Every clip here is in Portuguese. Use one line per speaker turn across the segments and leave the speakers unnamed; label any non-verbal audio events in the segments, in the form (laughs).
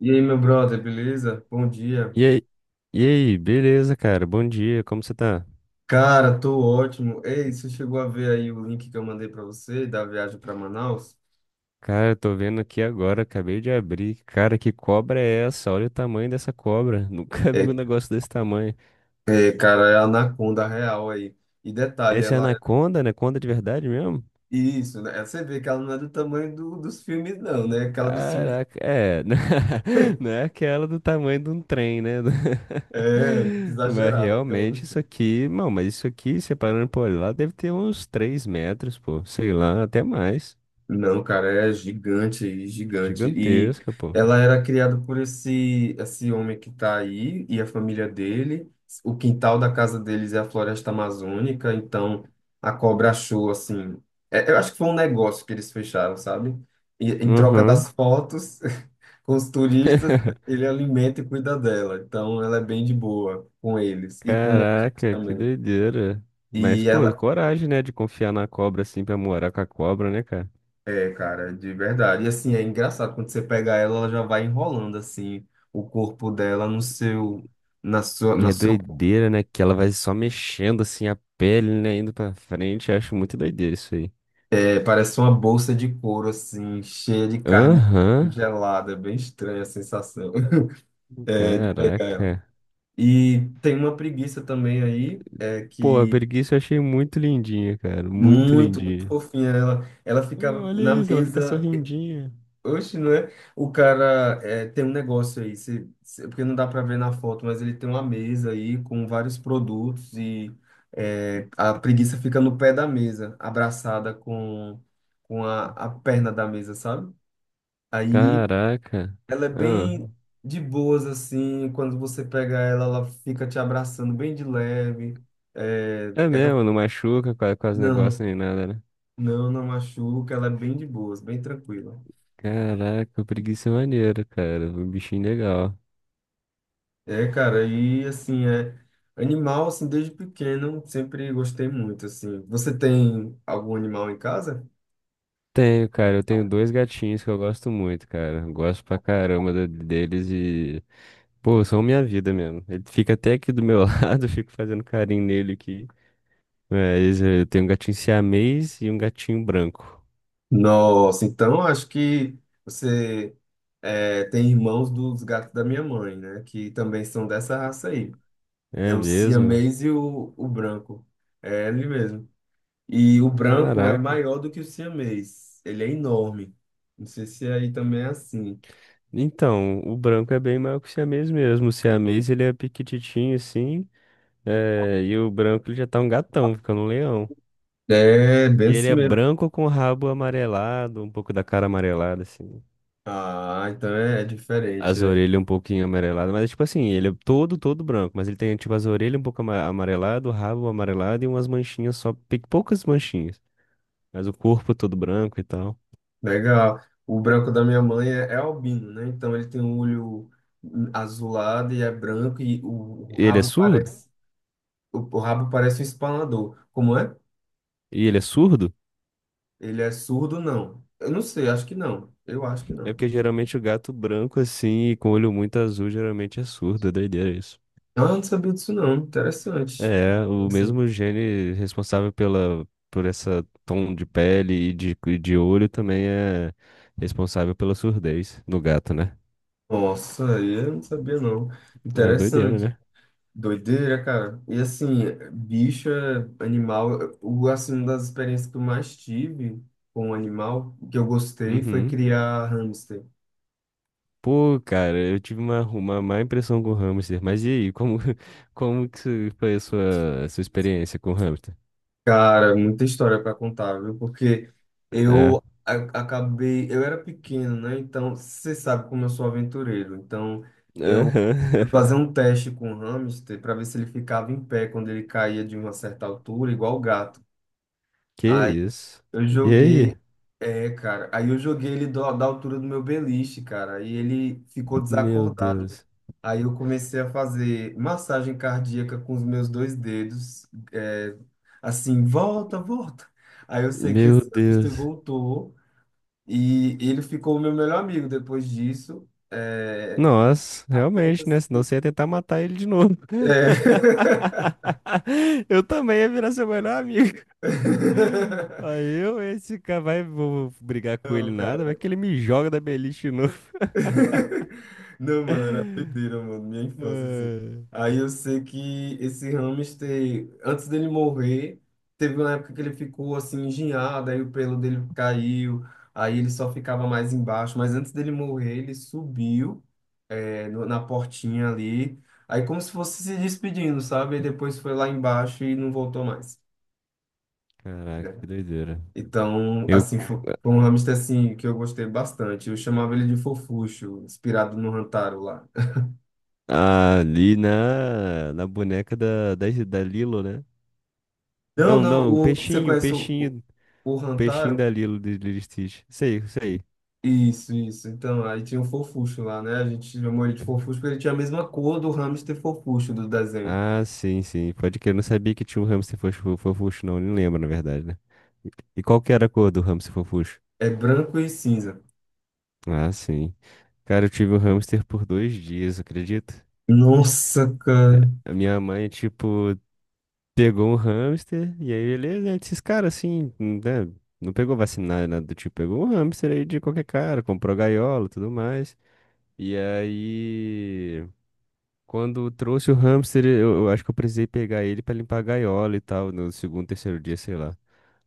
E aí, meu brother, beleza? Bom dia.
E aí, e aí, beleza, cara? Bom dia, como você tá?
Cara, tô ótimo. Ei, você chegou a ver aí o link que eu mandei pra você da viagem pra Manaus?
Cara, eu tô vendo aqui agora, acabei de abrir. Cara, que cobra é essa? Olha o tamanho dessa cobra. (laughs) Nunca vi um
É,
negócio desse tamanho.
é, cara, é a Anaconda real aí. E detalhe,
Essa é
ela é
anaconda? Anaconda de verdade mesmo?
isso, né? Você vê que ela não é do tamanho dos filmes não, né? Aquela dos filmes
Caraca, é. (laughs) Não é aquela do tamanho de um trem, né?
é muito
(laughs) Mas
exagerada, aquela do
realmente isso aqui, não, mas isso aqui, separando por lá, deve ter uns 3 metros, pô. Sei lá, até mais.
Não, cara, é gigante, gigante. E
Gigantesca, pô.
ela era criada por esse homem que tá aí e a família dele. O quintal da casa deles é a floresta amazônica, então a cobra achou assim. Eu acho que foi um negócio que eles fecharam, sabe? E, em troca das
Uhum.
fotos (laughs) com os turistas,
(laughs)
ele alimenta e cuida dela. Então ela é bem de boa com eles e com outros
Caraca, que
também.
doideira. Mas,
E
pô,
ela,
coragem, né, de confiar na cobra assim pra morar com a cobra, né, cara?
é, cara, de verdade. E assim, é engraçado, quando você pega ela, ela já vai enrolando assim o corpo dela no seu na sua
E
na
é
seu
doideira, né, que ela vai só mexendo assim a pele, né, indo pra frente. Eu acho muito doideira isso aí.
pé, parece uma bolsa de couro assim, cheia de carne dentro,
Aham,
gelada, é bem estranha a sensação (laughs) é, de pegar ela.
caraca.
E tem uma preguiça também aí, é
Pô, a
que
preguiça eu achei muito lindinha, cara, muito
muito, muito
lindinha.
fofinha ela, ela
Ah,
ficava
olha
na
isso, ela fica
mesa.
sorrindinha.
Oxe, não é? O cara é, tem um negócio aí, porque não dá para ver na foto, mas ele tem uma mesa aí com vários produtos e é, a preguiça fica no pé da mesa, abraçada com a perna da mesa, sabe? Aí
Caraca.
ela é
Ah,
bem de boas, assim, quando você pega ela, ela fica te abraçando bem de leve. É,
é
é aquela-
mesmo, não machuca quase, quase
não,
negócio nem nada, né?
não, não machuca, ela é bem de boas, bem tranquila.
Caraca, preguiça é maneira, cara. Um bichinho legal.
É, cara, e assim, é animal, assim, desde pequeno, sempre gostei muito, assim. Você tem algum animal em casa?
Tenho, cara. Eu tenho dois gatinhos que eu gosto muito, cara. Gosto pra caramba deles e. Pô, são minha vida mesmo. Ele fica até aqui do meu (laughs) lado, eu fico fazendo carinho nele aqui. Mas eu tenho um gatinho siamês e um gatinho branco.
Nossa, então acho que você é, tem irmãos dos gatos da minha mãe, né? Que também são dessa raça aí. É
É
o
mesmo?
siamês e o branco. É ele mesmo. E o branco é
Caraca.
maior do que o siamês. Ele é enorme. Não sei se aí também é assim.
Então, o branco é bem maior que o siamês mesmo. O siamês, ele é piquititinho assim. E o branco, ele já tá um gatão, ficando um leão.
É, bem
E ele
assim
é
mesmo.
branco com o rabo amarelado, um pouco da cara amarelada, assim.
Ah, então é, é diferente.
As orelhas um pouquinho amareladas, mas é tipo assim, ele é todo, todo branco, mas ele tem tipo as orelhas um pouco amarelado, o rabo amarelado e umas manchinhas só, poucas manchinhas, mas o corpo é todo branco e tal.
Legal. O branco da minha mãe é, é albino, né? Então ele tem um olho azulado e é branco e o
E ele é
rabo
surdo?
parece o rabo parece um espanador. Como é?
E ele é surdo?
Ele é surdo, não? Eu não sei, acho que não. Eu acho que
É
não.
porque geralmente o gato branco assim, e com olho muito azul, geralmente é surdo, é doideira isso.
Ah, eu não sabia disso não. Interessante.
É, o
Assim.
mesmo gene responsável pela, por essa tom de pele e de olho também é responsável pela surdez no gato, né?
Nossa, eu não sabia não.
É doideira,
Interessante.
né?
Doideira, cara. E assim, bicho, é animal, o, assim, uma das experiências que eu mais tive com um animal, que eu gostei, foi
Uhum.
criar hamster.
Pô, cara, eu tive uma má impressão com o hamster. Mas e aí, como, (laughs) como que se- foi a sua experiência com o hamster?
Cara, muita história para contar, viu? Porque eu
É.
a- acabei, eu era pequeno, né? Então, você sabe como eu sou aventureiro. Então, eu
Aham.
fui
(laughs)
fazer um teste com o hamster para ver se ele ficava em pé quando ele caía de uma certa altura, igual o gato.
Que isso?
Eu
E
joguei,
aí?
é, cara. Aí eu joguei ele da altura do meu beliche, cara. Aí ele ficou
Meu
desacordado.
Deus.
Aí eu comecei a fazer massagem cardíaca com os meus dois dedos, é, assim, volta, volta. Aí eu sei que
Meu
esse hamster
Deus.
voltou e ele ficou o meu melhor amigo depois disso. É,
Nossa,
a ponta,
realmente, né? Senão
assim,
você ia tentar matar ele de novo.
é.
(laughs) Eu também ia virar seu melhor amigo.
(laughs)
Aí eu, esse cara, vai, vou brigar com ele
Não,
nada, vai
cara.
que ele me joga da beliche de novo.
(laughs) Não, mano, era doideira, mano, minha
(laughs)
infância, assim.
Ah.
Aí eu sei que esse hamster, antes dele morrer, teve uma época que ele ficou assim engenhado, aí o pelo dele caiu, aí ele só ficava mais embaixo, mas antes dele morrer, ele subiu, é, na portinha ali, aí como se fosse se despedindo, sabe? E depois foi lá embaixo e não voltou mais.
Caraca,
Né?
que doideira.
Então,
Eu
assim, foi um hamster assim que eu gostei bastante. Eu chamava ele de Fofuxo, inspirado no Rantaro lá.
ali na, na boneca da Lilo, né?
Não,
Não,
não,
não,
você conhece o,
o peixinho
Rantaro?
da Lilo de Lilo e Stitch. Isso aí,
Isso, isso. Então, aí tinha o Fofuxo lá, né? A gente chamou ele de Fofuxo porque ele tinha a mesma cor do hamster Fofuxo do desenho.
ah, sim, sim. Pode que eu não sabia que tinha um hamster fofucho, não. Nem lembro, na verdade, né? E e qual que era a cor do hamster fofucho?
É branco e cinza.
Ah, sim. Cara, eu tive um hamster por 2 dias, acredita?
Nossa, cara.
A minha mãe, tipo, pegou um hamster, e aí beleza, né? Esses caras assim, né? Não pegou vacina, nada do tipo, pegou um hamster aí de qualquer cara, comprou gaiola e tudo mais. E aí, quando trouxe o hamster, eu acho que eu precisei pegar ele pra limpar a gaiola e tal, no segundo, terceiro dia, sei lá.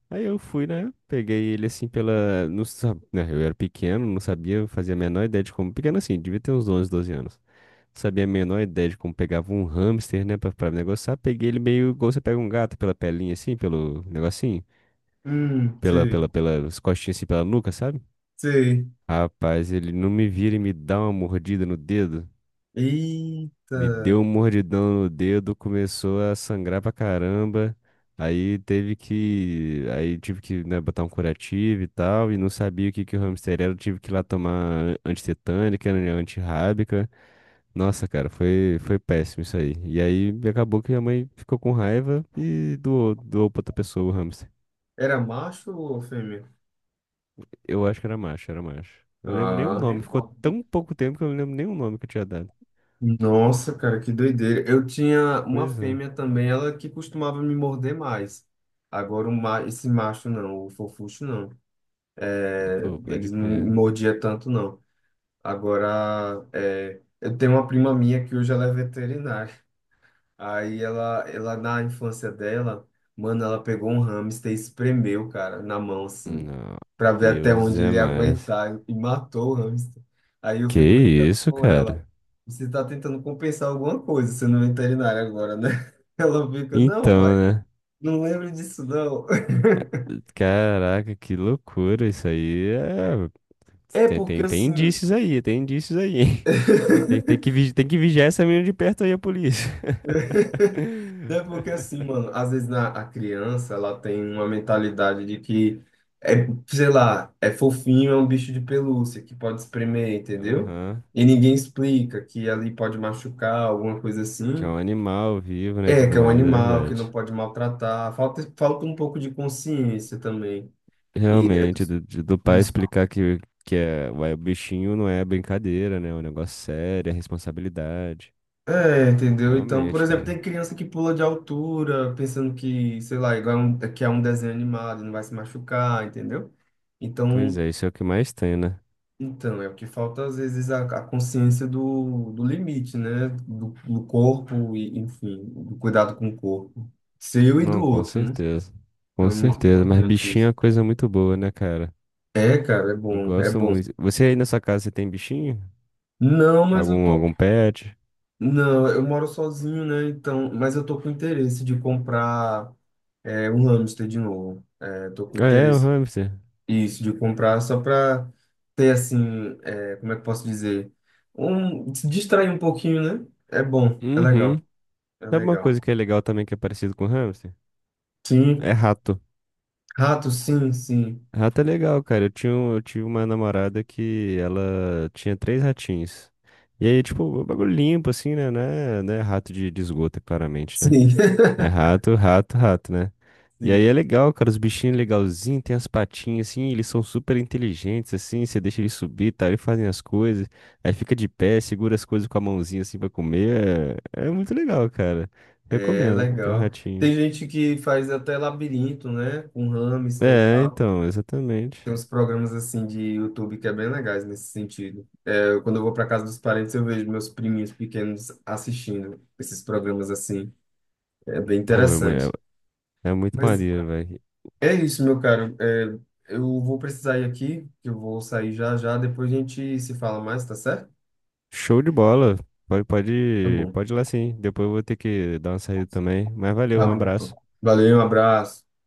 Aí eu fui, né? Peguei ele assim pela. Não sab... né, Eu era pequeno, não sabia, fazia a menor ideia de como. Pequeno assim, devia ter uns 11 12 anos. Sabia a menor ideia de como pegava um hamster, né, pra negociar. Peguei ele meio igual você pega um gato pela pelinha, assim, pelo negocinho,
Sei,
pelas costinhas, assim, pela nuca, sabe?
sei.
Rapaz, ele não me vira e me dá uma mordida no dedo. Me deu
Eita.
um mordidão no dedo, começou a sangrar pra caramba. Aí tive que, né, botar um curativo e tal, e não sabia o que que o hamster era, eu tive que ir lá tomar antitetânica, né, antirrábica. Nossa, cara, foi, foi péssimo isso aí. E aí acabou que minha mãe ficou com raiva e doou, doou pra outra pessoa o hamster.
Era macho ou fêmea?
Eu acho que era macho, era macho. Eu não lembro nem o
Ah.
nome. Ficou tão pouco tempo que eu não lembro nem o nome que eu tinha dado.
Nossa, cara, que doideira. Eu tinha uma
Pois é.
fêmea também, ela que costumava me morder mais. Agora, esse macho não, o Fofuxo não. É,
Pô, pode
eles não me
crer.
mordiam tanto, não. Agora, é, eu tenho uma prima minha que hoje ela é veterinária. Aí ela na infância dela, mano, ela pegou um hamster e espremeu, cara, na mão, assim,
Não,
pra ver até
Deus
onde
é
ele ia
mais.
aguentar e matou o hamster. Aí eu
Que
fico brincando
isso,
com ela.
cara?
Você tá tentando compensar alguma coisa sendo veterinária agora, né? (laughs) Ela fica, não, mãe,
Então, né?
não lembro disso, não. (laughs)
Caraca, que loucura isso aí. É...
É
Tem,
porque
tem, tem
assim.
indícios aí, tem indícios aí. (laughs) Tem,
(laughs)
tem que vigiar essa menina de perto aí, a polícia.
É porque assim,
(laughs)
mano, às vezes na, a criança ela tem uma mentalidade de que é, sei lá, é fofinho, é um bicho de pelúcia que pode espremer, entendeu?
Aham.
E ninguém explica que ali pode machucar, alguma coisa
Que é
assim.
um animal vivo, né, e
É,
tudo
que é um
mais, é
animal que não
verdade.
pode maltratar. Falta, falta um pouco de consciência também. E é,
Realmente,
dos,
do pai
dos
explicar que é, ué, o bichinho não é brincadeira, né? É um negócio sério, é responsabilidade.
é, entendeu? Então, por
Realmente,
exemplo, tem
cara.
criança que pula de altura, pensando que, sei lá, igual é um, é que é um desenho animado, não vai se machucar, entendeu?
Pois
Então,
é, isso é o que mais tem, né?
então é o que falta às vezes a consciência do limite, né? Do corpo e, enfim, do cuidado com o corpo, seu e do
Não, com
outro, né?
certeza. Com
Então é muito
certeza, mas
importante
bichinho é
isso.
uma coisa muito boa, né, cara?
É, cara, é
Eu
bom, é
gosto
bom.
muito. Você aí na sua casa, você tem bichinho?
Não, mas eu
Algum,
tô,
algum pet?
não, eu moro sozinho, né? Então, mas eu tô com interesse de comprar é um hamster de novo. É, tô com
Ah, é, um
interesse
hamster.
isso de comprar só para ter assim, é, como é que eu posso dizer? Um, se distrair um pouquinho, né? É bom, é
Uhum.
legal, é
Sabe uma coisa
legal.
que é legal também que é parecido com hamster? É
Sim,
rato.
rato, sim, sim.
Rato é legal, cara. Eu tinha, eu tive uma namorada que ela tinha 3 ratinhos. E aí, tipo, o bagulho limpo, assim, né? Não é, não é rato de esgoto, claramente, né?
Sim. (laughs)
É rato, rato, rato, né? E aí é
Sim,
legal, cara. Os bichinhos legalzinhos, tem as patinhas, assim, eles são super inteligentes, assim. Você deixa eles subir, tá? Eles fazem as coisas. Aí fica de pé, segura as coisas com a mãozinha, assim, pra comer. É, é muito legal, cara.
é
Recomendo ter um
legal. Tem
ratinho.
gente que faz até labirinto, né? Com hamster e
É,
tal.
então, exatamente.
Tem uns programas assim de YouTube que é bem legais nesse sentido. Eu, quando eu vou para casa dos parentes, eu vejo meus priminhos pequenos assistindo esses programas assim. É bem
Pô,
interessante.
é muito
Mas
maneiro, velho.
é isso, meu caro. É, eu vou precisar ir aqui, que eu vou sair já já. Depois a gente se fala mais, tá certo?
Show de bola. Pode,
Tá
pode,
bom.
pode ir lá sim. Depois eu vou ter que dar uma saída também. Mas valeu,
Tá
um
bom, então.
abraço.
Valeu, um abraço.